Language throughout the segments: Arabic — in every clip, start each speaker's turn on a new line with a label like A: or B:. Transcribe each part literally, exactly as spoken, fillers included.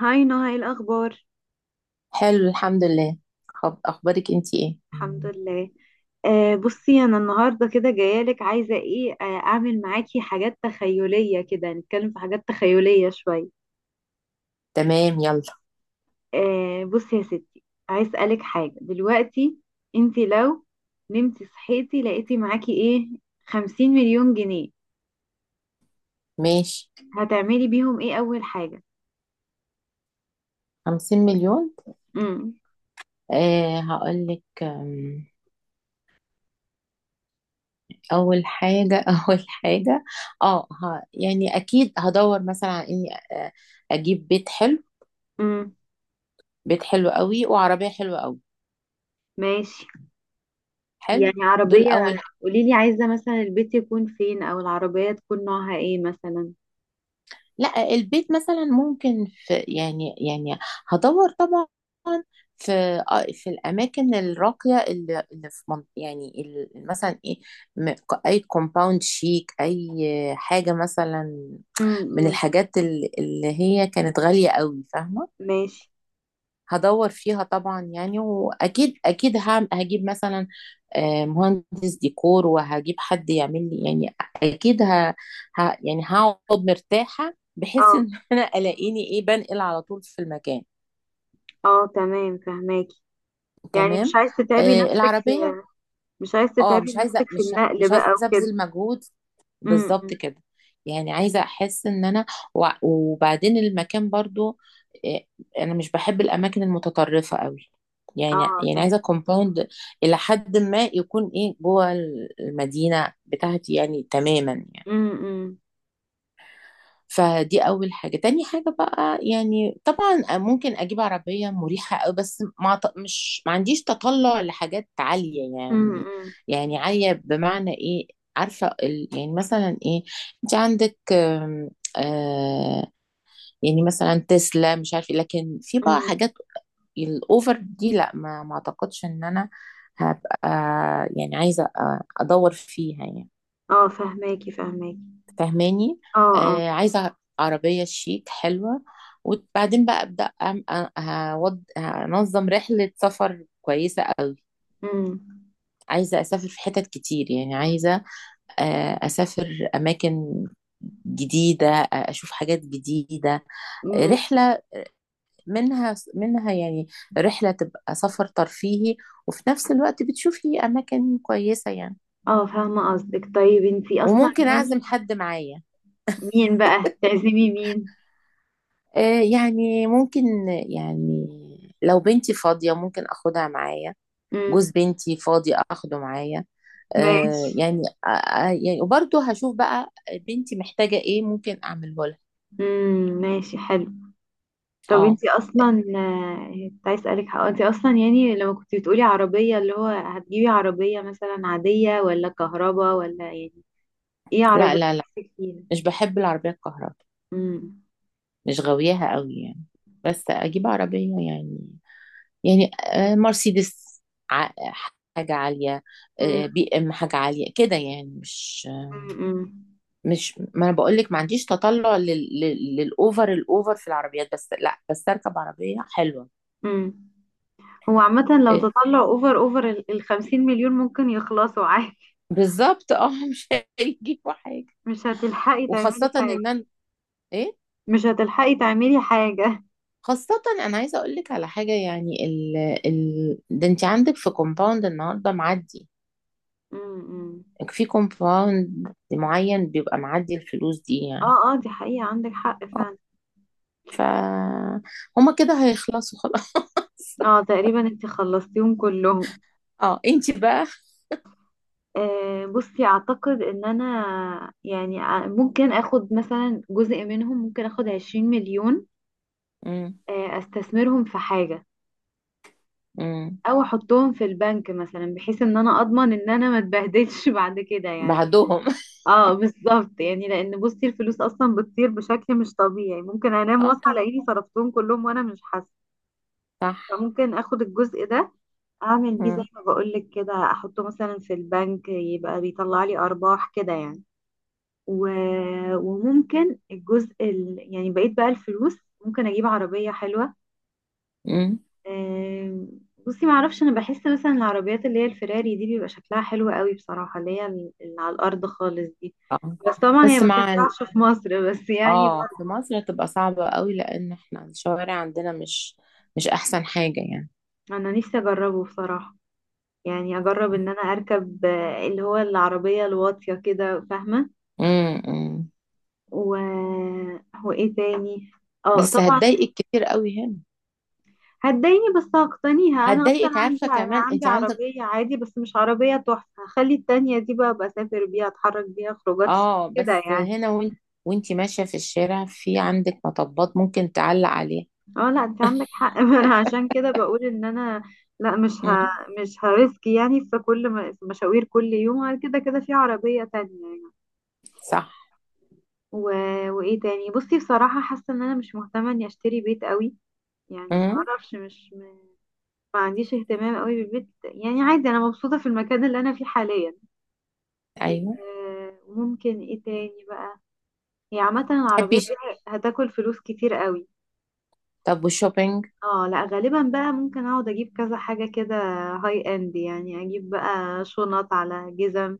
A: هاي نهى، ايه الاخبار؟
B: حلو، الحمد لله. خب اخبارك انتي ايه؟
A: الحمد لله. آه بصي انا النهارده كده جايالك، عايزه ايه آه اعمل معاكي حاجات تخيليه كده، نتكلم في حاجات تخيليه شويه.
B: تمام يلا.
A: آه بصي يا ستي، عايز اسالك حاجه دلوقتي. انتي لو نمتي صحيتي لقيتي معاكي ايه؟ خمسين مليون جنيه،
B: ماشي.
A: هتعملي بيهم ايه اول حاجه؟
B: خمسين مليون.
A: امم.
B: آه هقولك آم، اول حاجة. اول حاجة، اه ه- يعني اكيد هدور مثلا على اني آه، اجيب بيت حلو.
A: امم،
B: بيت حلو قوي وعربية حلوة قوي.
A: ماشي.
B: حلو،
A: يعني
B: دول
A: عربيه؟
B: اول.
A: قوليلي، عايزه مثلا البيت يكون فين؟ او العربيه تكون نوعها ايه مثلا؟
B: لا البيت مثلا ممكن في يعني يعني هدور طبعا في آه، في الاماكن الراقيه اللي اللي في منط- يعني ال- مثلا ايه، م- اي كومباوند شيك، اي حاجه مثلا من
A: امم.
B: الحاجات ال- اللي هي كانت غاليه قوي، فاهمه.
A: ماشي.
B: هدور فيها طبعا يعني، واكيد اكيد هعم- هجيب مثلا آه، مهندس ديكور، وهجيب حد يعمل لي يعني. اكيد ه... ه... يعني هقعد مرتاحة بحيث
A: اه،
B: ان انا الاقيني ايه بنقل على طول في المكان.
A: اه، تمام، فهماكي. يعني مش
B: تمام.
A: عايز تتعبي
B: آه،
A: نفسك في،
B: العربية.
A: مش عايز
B: اه،
A: تتعبي
B: مش عايزه،
A: نفسك في
B: مش
A: النقل
B: مش عايزه
A: بقى وكده.
B: ابذل مجهود،
A: امم.
B: بالظبط كده. يعني عايزه احس ان انا، وع- وبعدين المكان برضو إيه، انا مش بحب الاماكن المتطرفه قوي. يعني
A: اه،
B: يعني
A: فاهم.
B: عايزه كومباوند الى حد ما، يكون ايه جوه المدينه بتاعتي يعني، تماما يعني.
A: امم.
B: فدي أول حاجة. تاني حاجة بقى، يعني طبعا ممكن أجيب عربية مريحة أوي، بس ما ط- مش ما عنديش تطلع لحاجات عالية يعني.
A: امم.
B: يعني عالية بمعنى إيه؟ عارفة ال- يعني مثلا إيه، أنت عندك آم، آه يعني مثلا تسلا، مش عارفة، لكن في بقى
A: امم.
B: حاجات الأوفر دي، لا، ما ما أعتقدش إن أنا هبقى يعني عايزة أ- أدور فيها يعني.
A: اه، فهماكي فهماكي.
B: فاهماني؟
A: اه. اه.
B: آه، عايزة عربية شيك حلوة. وبعدين بقى أبدأ أم- أ- هود- هنظم رحلة سفر كويسة قوي.
A: امم
B: عايزة أسافر في حتت كتير، يعني عايزة آه، أسافر أماكن جديدة، آه، أشوف حاجات جديدة، آه،
A: امم
B: رحلة منها منها يعني، رحلة تبقى سفر ترفيهي وفي نفس الوقت بتشوفي أماكن كويسة يعني.
A: اه، فاهمة قصدك. طيب انتي اصلا
B: وممكن أعزم
A: يعني
B: حد معايا.
A: مين بقى تعزمي مين؟
B: آه، يعني ممكن يعني، لو بنتي فاضية ممكن أخدها معايا، جوز
A: امم،
B: بنتي فاضي أخده معايا، آه،
A: ماشي.
B: يعني آه، آه، يعني وبرضه هشوف بقى بنتي محتاجة إيه ممكن أعمله لها.
A: امم، ماشي، حلو. طب
B: آه.
A: انتي اصلا، آه، كنت عايز اسالك. حق انتي اصلا يعني لما كنتي بتقولي عربيه، اللي هو هتجيبي عربيه مثلا عاديه ولا كهربا ولا يعني، ايه
B: لا
A: عربيه
B: لا لا
A: نفسك فيها؟
B: مش بحب العربية الكهرباء،
A: امم.
B: مش غاوياها قوي يعني. بس أجيب عربية يعني، يعني آه، مرسيدس، ع- حاجة عالية،
A: امم.
B: آه، بي إم، حاجة عالية كده يعني. مش،
A: امم.
B: مش، ما انا بقول لك ما عنديش تطلع لل... لل... للاوفر. الاوفر في العربيات، بس لا، بس اركب عربيه حلوه.
A: امم. هو عامه لو
B: إيه؟
A: تطلع اوفر اوفر ال ال خمسين مليون ممكن يخلصوا عادي.
B: بالظبط. اه مش هيجيبوا حاجه.
A: مش هتلحقي تعملي
B: وخاصه
A: حاجه.
B: ان انا ايه،
A: مش هتلحقي تعملي حاجه.
B: خاصه انا عايزه اقول لك على حاجه يعني، ال... ال... ده انت عندك في كومباوند النهارده معدي،
A: امم.
B: في كومباوند معين بيبقى معدي الفلوس دي يعني.
A: اه، اه، دي حقيقه، عندك حق
B: آه،
A: فعلا.
B: ف هما كده هيخلصوا خلاص.
A: اه، تقريبا انتي خلصتيهم كلهم.
B: اه انت بقى.
A: آه، بصي اعتقد ان انا يعني ع- ممكن اخد مثلا جزء منهم، ممكن اخد عشرين مليون.
B: امم.
A: آه، استثمرهم في حاجة.
B: امم.
A: او احطهم في البنك مثلا، بحيث ان انا اضمن ان انا ما اتبهدلش بعد كده يعني.
B: بعدهم.
A: اه، بالظبط يعني، لان بصي الفلوس اصلا بتطير بشكل مش طبيعي، ممكن انام
B: اه
A: واصحى
B: طب.
A: الاقيني صرفتهم كلهم وانا مش حاسة.
B: صح.
A: فممكن اخد الجزء ده، اعمل بيه زي
B: مم.
A: ما بقولك كده، احطه مثلا في البنك، يبقى بيطلع لي ارباح كده يعني. و- وممكن الجزء ال... يعني بقيت بقى الفلوس، ممكن اجيب عربية حلوة.
B: مم.
A: آم، بصي معرفش، انا بحس مثلا العربيات اللي هي الفراري دي بيبقى شكلها حلو قوي بصراحة، اللي هي ال- اللي على الارض خالص دي.
B: اه
A: بس طبعا هي
B: بس
A: ما
B: مع ال...
A: تنفعش في مصر بس يعني.
B: اه، في مصر تبقى صعبة قوي، لان احنا الشوارع عندنا مش، مش احسن حاجة يعني.
A: انا نفسي اجربه بصراحة، يعني اجرب ان انا اركب آه، اللي هو العربية الواطية كده، فاهمة؟
B: مم. مم.
A: و... وايه تاني؟ اه
B: بس
A: طبعا.
B: هتضايقك كتير قوي هنا،
A: هتضايقني بس هقتنيها، انا اصلا
B: هتضايقك،
A: عندي
B: عارفة كمان
A: عندي
B: انت عندك.
A: عربيه عادي، بس مش عربيه تحفه. هخلي التانية دي بقى بسافر بيها، اتحرك بيها خروجات شيك
B: اه
A: كده
B: بس
A: يعني.
B: هنا، وانت، وانت ماشية في الشارع، في عندك مطبات ممكن تعلق عليها.
A: اه، لا انت عندك حق، ما انا عشان كده بقول ان انا، لا مش ه...
B: مم.
A: مش هريسك يعني في كل م... في مشاوير كل يوم كده كده، في عربيه تانية يعني.
B: صح.
A: و... وايه تاني؟ بصي بصراحه، حاسه ان انا مش مهتمه اني اشتري بيت قوي. يعني
B: مم.
A: معرفش، مش م... ما عنديش اهتمام قوي بالبيت، يعني عادي انا مبسوطه في المكان اللي انا فيه حاليا.
B: ايوه.
A: آه، وممكن ايه تاني بقى؟ هي عامة العربية
B: تحبي؟
A: دي هتاكل فلوس كتير قوي.
B: طب والشوبينج؟
A: اه، لا غالبا بقى ممكن اقعد اجيب كذا حاجة كده، هاي اند، يعني اجيب بقى شنط على جزم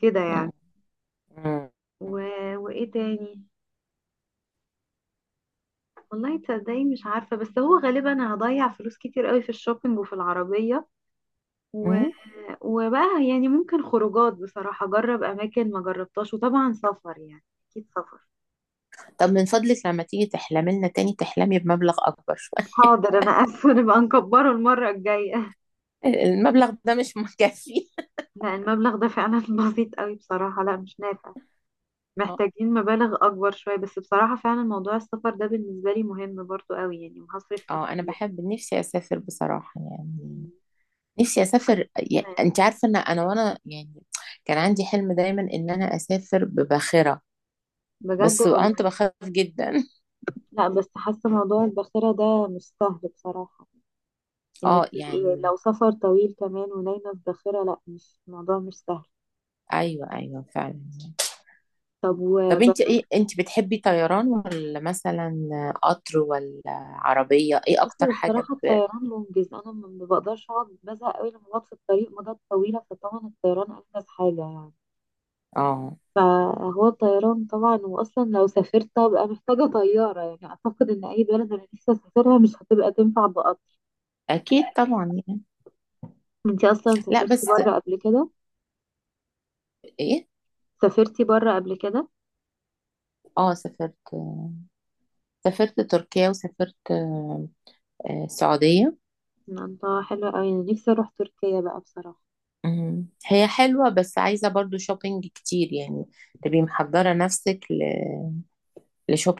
A: كده
B: مم.
A: يعني.
B: مم.
A: و... وايه تاني؟ والله تصدقي، مش عارفة، بس هو غالبا هضيع فلوس كتير قوي في الشوبينج وفي العربية. و...
B: مم.
A: وبقى يعني ممكن خروجات، بصراحة اجرب اماكن ما جربتهاش، وطبعا سفر يعني، اكيد سفر.
B: طب من فضلك لما تيجي تحلمي لنا تاني، تحلمي بمبلغ اكبر شوية.
A: حاضر، انا اسفة، نبقى نكبره المرة الجاية.
B: المبلغ ده مش مكفي.
A: لا، المبلغ ده فعلا بسيط قوي بصراحة، لا مش نافع.
B: اه،
A: محتاجين مبالغ أكبر شوية. بس بصراحة فعلا موضوع السفر ده بالنسبة لي مهم برضو قوي يعني، وهصرف فيه
B: اه، انا
A: كتير.
B: بحب، نفسي اسافر بصراحة يعني. نفسي اسافر يعني،
A: لا،
B: انت عارفة ان انا، وانا يعني كان عندي حلم دايما ان انا اسافر بباخرة،
A: بجد
B: بس كنت
A: والله.
B: بخاف جدا.
A: لا، بس حاسة موضوع الباخرة ده مش سهل بصراحة، إنك
B: اه
A: تبقي
B: يعني،
A: لو سفر طويل كمان ونايمة في باخرة، لا، مش الموضوع مش سهل.
B: ايوه ايوه فعلا.
A: طب
B: طب انت ايه،
A: وجربت؟
B: انت بتحبي طيران ولا مثلا قطر، ولا عربية، ايه اكتر
A: بصي
B: حاجة
A: بصراحة
B: ب...
A: الطيران منجز، أنا ما ما بقدرش أقعد، بزهق قوي لما بقعد في الطريق مدة طويلة، فطبعا الطيران أنجز حاجة يعني.
B: اه
A: فهو الطيران طبعا، واصلا لو سافرت هبقى محتاجه طياره، يعني اعتقد ان اي بلد انا نفسي اسافرها مش هتبقى تنفع بقطر.
B: اكيد طبعا يعني.
A: انتي اصلا
B: لا
A: سافرتي
B: بس
A: بره قبل كده؟
B: ايه.
A: سافرتي بره قبل كده؟
B: اه سافرت، سافرت تركيا، وسافرت آه، السعودية.
A: الله، حلوه قوي، انا نفسي اروح تركيا بقى بصراحه.
B: مم. هي حلوة بس عايزة برضو شوبينج كتير يعني، تبقي محضرة نفسك ل-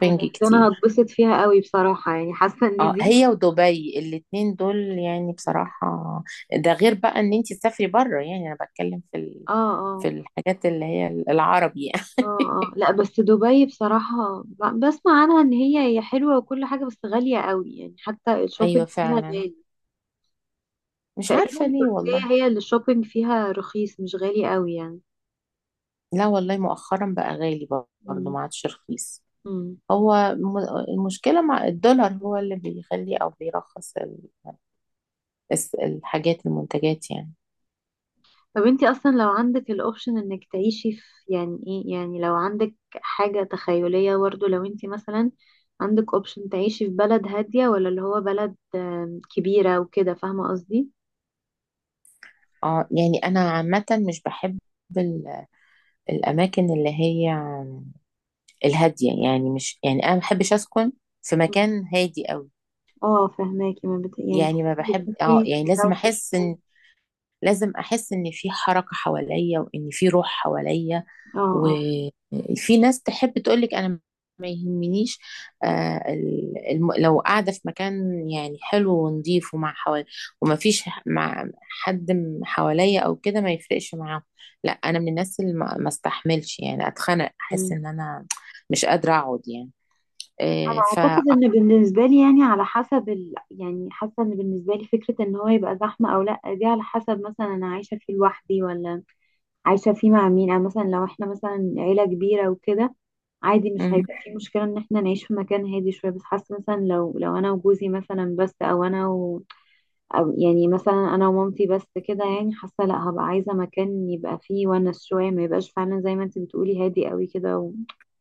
A: انا أنا
B: كتير.
A: هتبسط فيها قوي بصراحه، يعني حاسه ان
B: اه،
A: دي،
B: هي ودبي الاتنين دول يعني بصراحة، ده غير بقى ان انتي تسافري بره، يعني انا بتكلم في ال...
A: اه،
B: في
A: اه،
B: الحاجات اللي هي العربي يعني.
A: اه، اه، لا بس دبي بصراحه ب- بسمع عنها ان هي هي حلوه وكل حاجه بس غاليه قوي يعني، حتى
B: ايوه
A: الشوبينج فيها
B: فعلا،
A: غالي.
B: مش
A: تقريبا
B: عارفة ليه
A: تركيا
B: والله.
A: هي اللي الشوبينج فيها رخيص، مش غالي قوي يعني.
B: لا والله، مؤخرا بقى غالي، برضه
A: مم.
B: ما عادش رخيص.
A: مم.
B: هو م- المشكلة مع الدولار هو اللي بيخلي او بيرخص ال- الس- الحاجات المنتجات يعني.
A: طب انتي اصلا لو عندك الاوبشن انك تعيشي في، يعني ايه، يعني لو عندك حاجة تخيلية برضه، لو انتي مثلا عندك اوبشن تعيشي في بلد هادية ولا اللي هو بلد آم، كبيرة وكده، فاهمة قصدي؟
B: اه يعني انا عامة مش بحب ال- الاماكن اللي هي الهادية يعني، مش يعني، انا ما بحبش اسكن في مكان هادي قوي.
A: اه، فهماكي، ما بت... يعني
B: يعني ما
A: تحبي
B: بحب،
A: يكون فيه
B: اه يعني لازم
A: دوشة
B: احس
A: شوية؟
B: ان، لازم احس ان في حركة حواليا، وان في روح حواليا.
A: اه،
B: وفي ناس تحب تقولك انا ما يهمنيش آه ال- الم... لو قاعده في مكان يعني حلو ونضيف ومع حوالي، وما فيش ح- مع حد م- حواليا او كده، ما يفرقش معاهم. لا انا من الناس اللي ما ما استحملش، يعني اتخنق، احس ان
A: اه.
B: انا مش قادره اقعد يعني.
A: انا
B: آه ف
A: اعتقد ان بالنسبه لي يعني على حسب ال... يعني حاسه ان بالنسبه لي فكره ان هو يبقى زحمه او لا، دي على حسب مثلا انا عايشه فيه لوحدي ولا عايشه فيه مع مين، او مثلا لو احنا مثلا عيله كبيره وكده، عادي مش
B: مم.
A: هيبقى في مشكله ان احنا نعيش في مكان هادي شويه. بس حاسه مثلا لو لو انا وجوزي مثلا بس، او انا و... او يعني مثلا انا ومامتي بس كده، يعني حاسه لا، هبقى عايزه مكان يبقى فيه ونس شويه، ما يبقاش فعلا زي ما انت بتقولي هادي قوي كده و...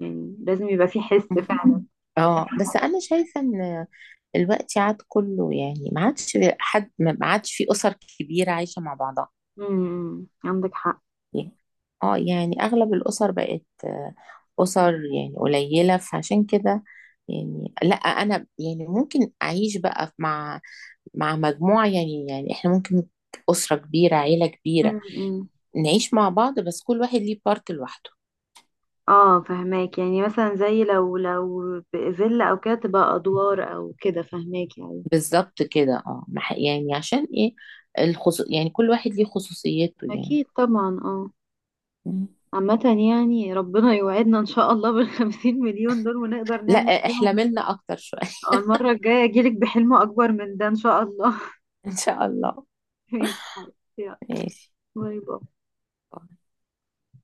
A: يعني لازم يبقى فيه حس فعلا.
B: اه بس انا شايفه ان الوقت عاد كله، يعني ما عادش حد، ما عادش في اسر كبيره عايشه مع بعضها
A: امم، عندك حق.
B: يعني. اه يعني اغلب الاسر بقت آه، اسر يعني قليله، فعشان كده يعني لا، انا يعني ممكن اعيش بقى مع، مع مجموعه يعني. يعني احنا ممكن اسره كبيره، عيله كبيره،
A: امم.
B: نعيش مع بعض بس كل واحد ليه بارت لوحده.
A: اه، فهماك، يعني مثلا زي لو لو فيلا او كده، تبقى ادوار او كده، فهماك يعني.
B: بالظبط كده. اه ما ح- يعني عشان ايه، الخصو... يعني كل واحد ليه خصوصيته يعني.
A: اكيد طبعا، اه.
B: م.
A: عامة، يعني ربنا يوعدنا ان شاء الله بالخمسين مليون دول ونقدر نعمل
B: لا،
A: بيهم.
B: احلملنا اكتر شويه.
A: آه، المرة الجاية اجيلك بحلم اكبر من ده ان شاء الله.
B: ان شاء الله.
A: ماشي حبيبتي، يلا.
B: ماشي.
A: باي باي.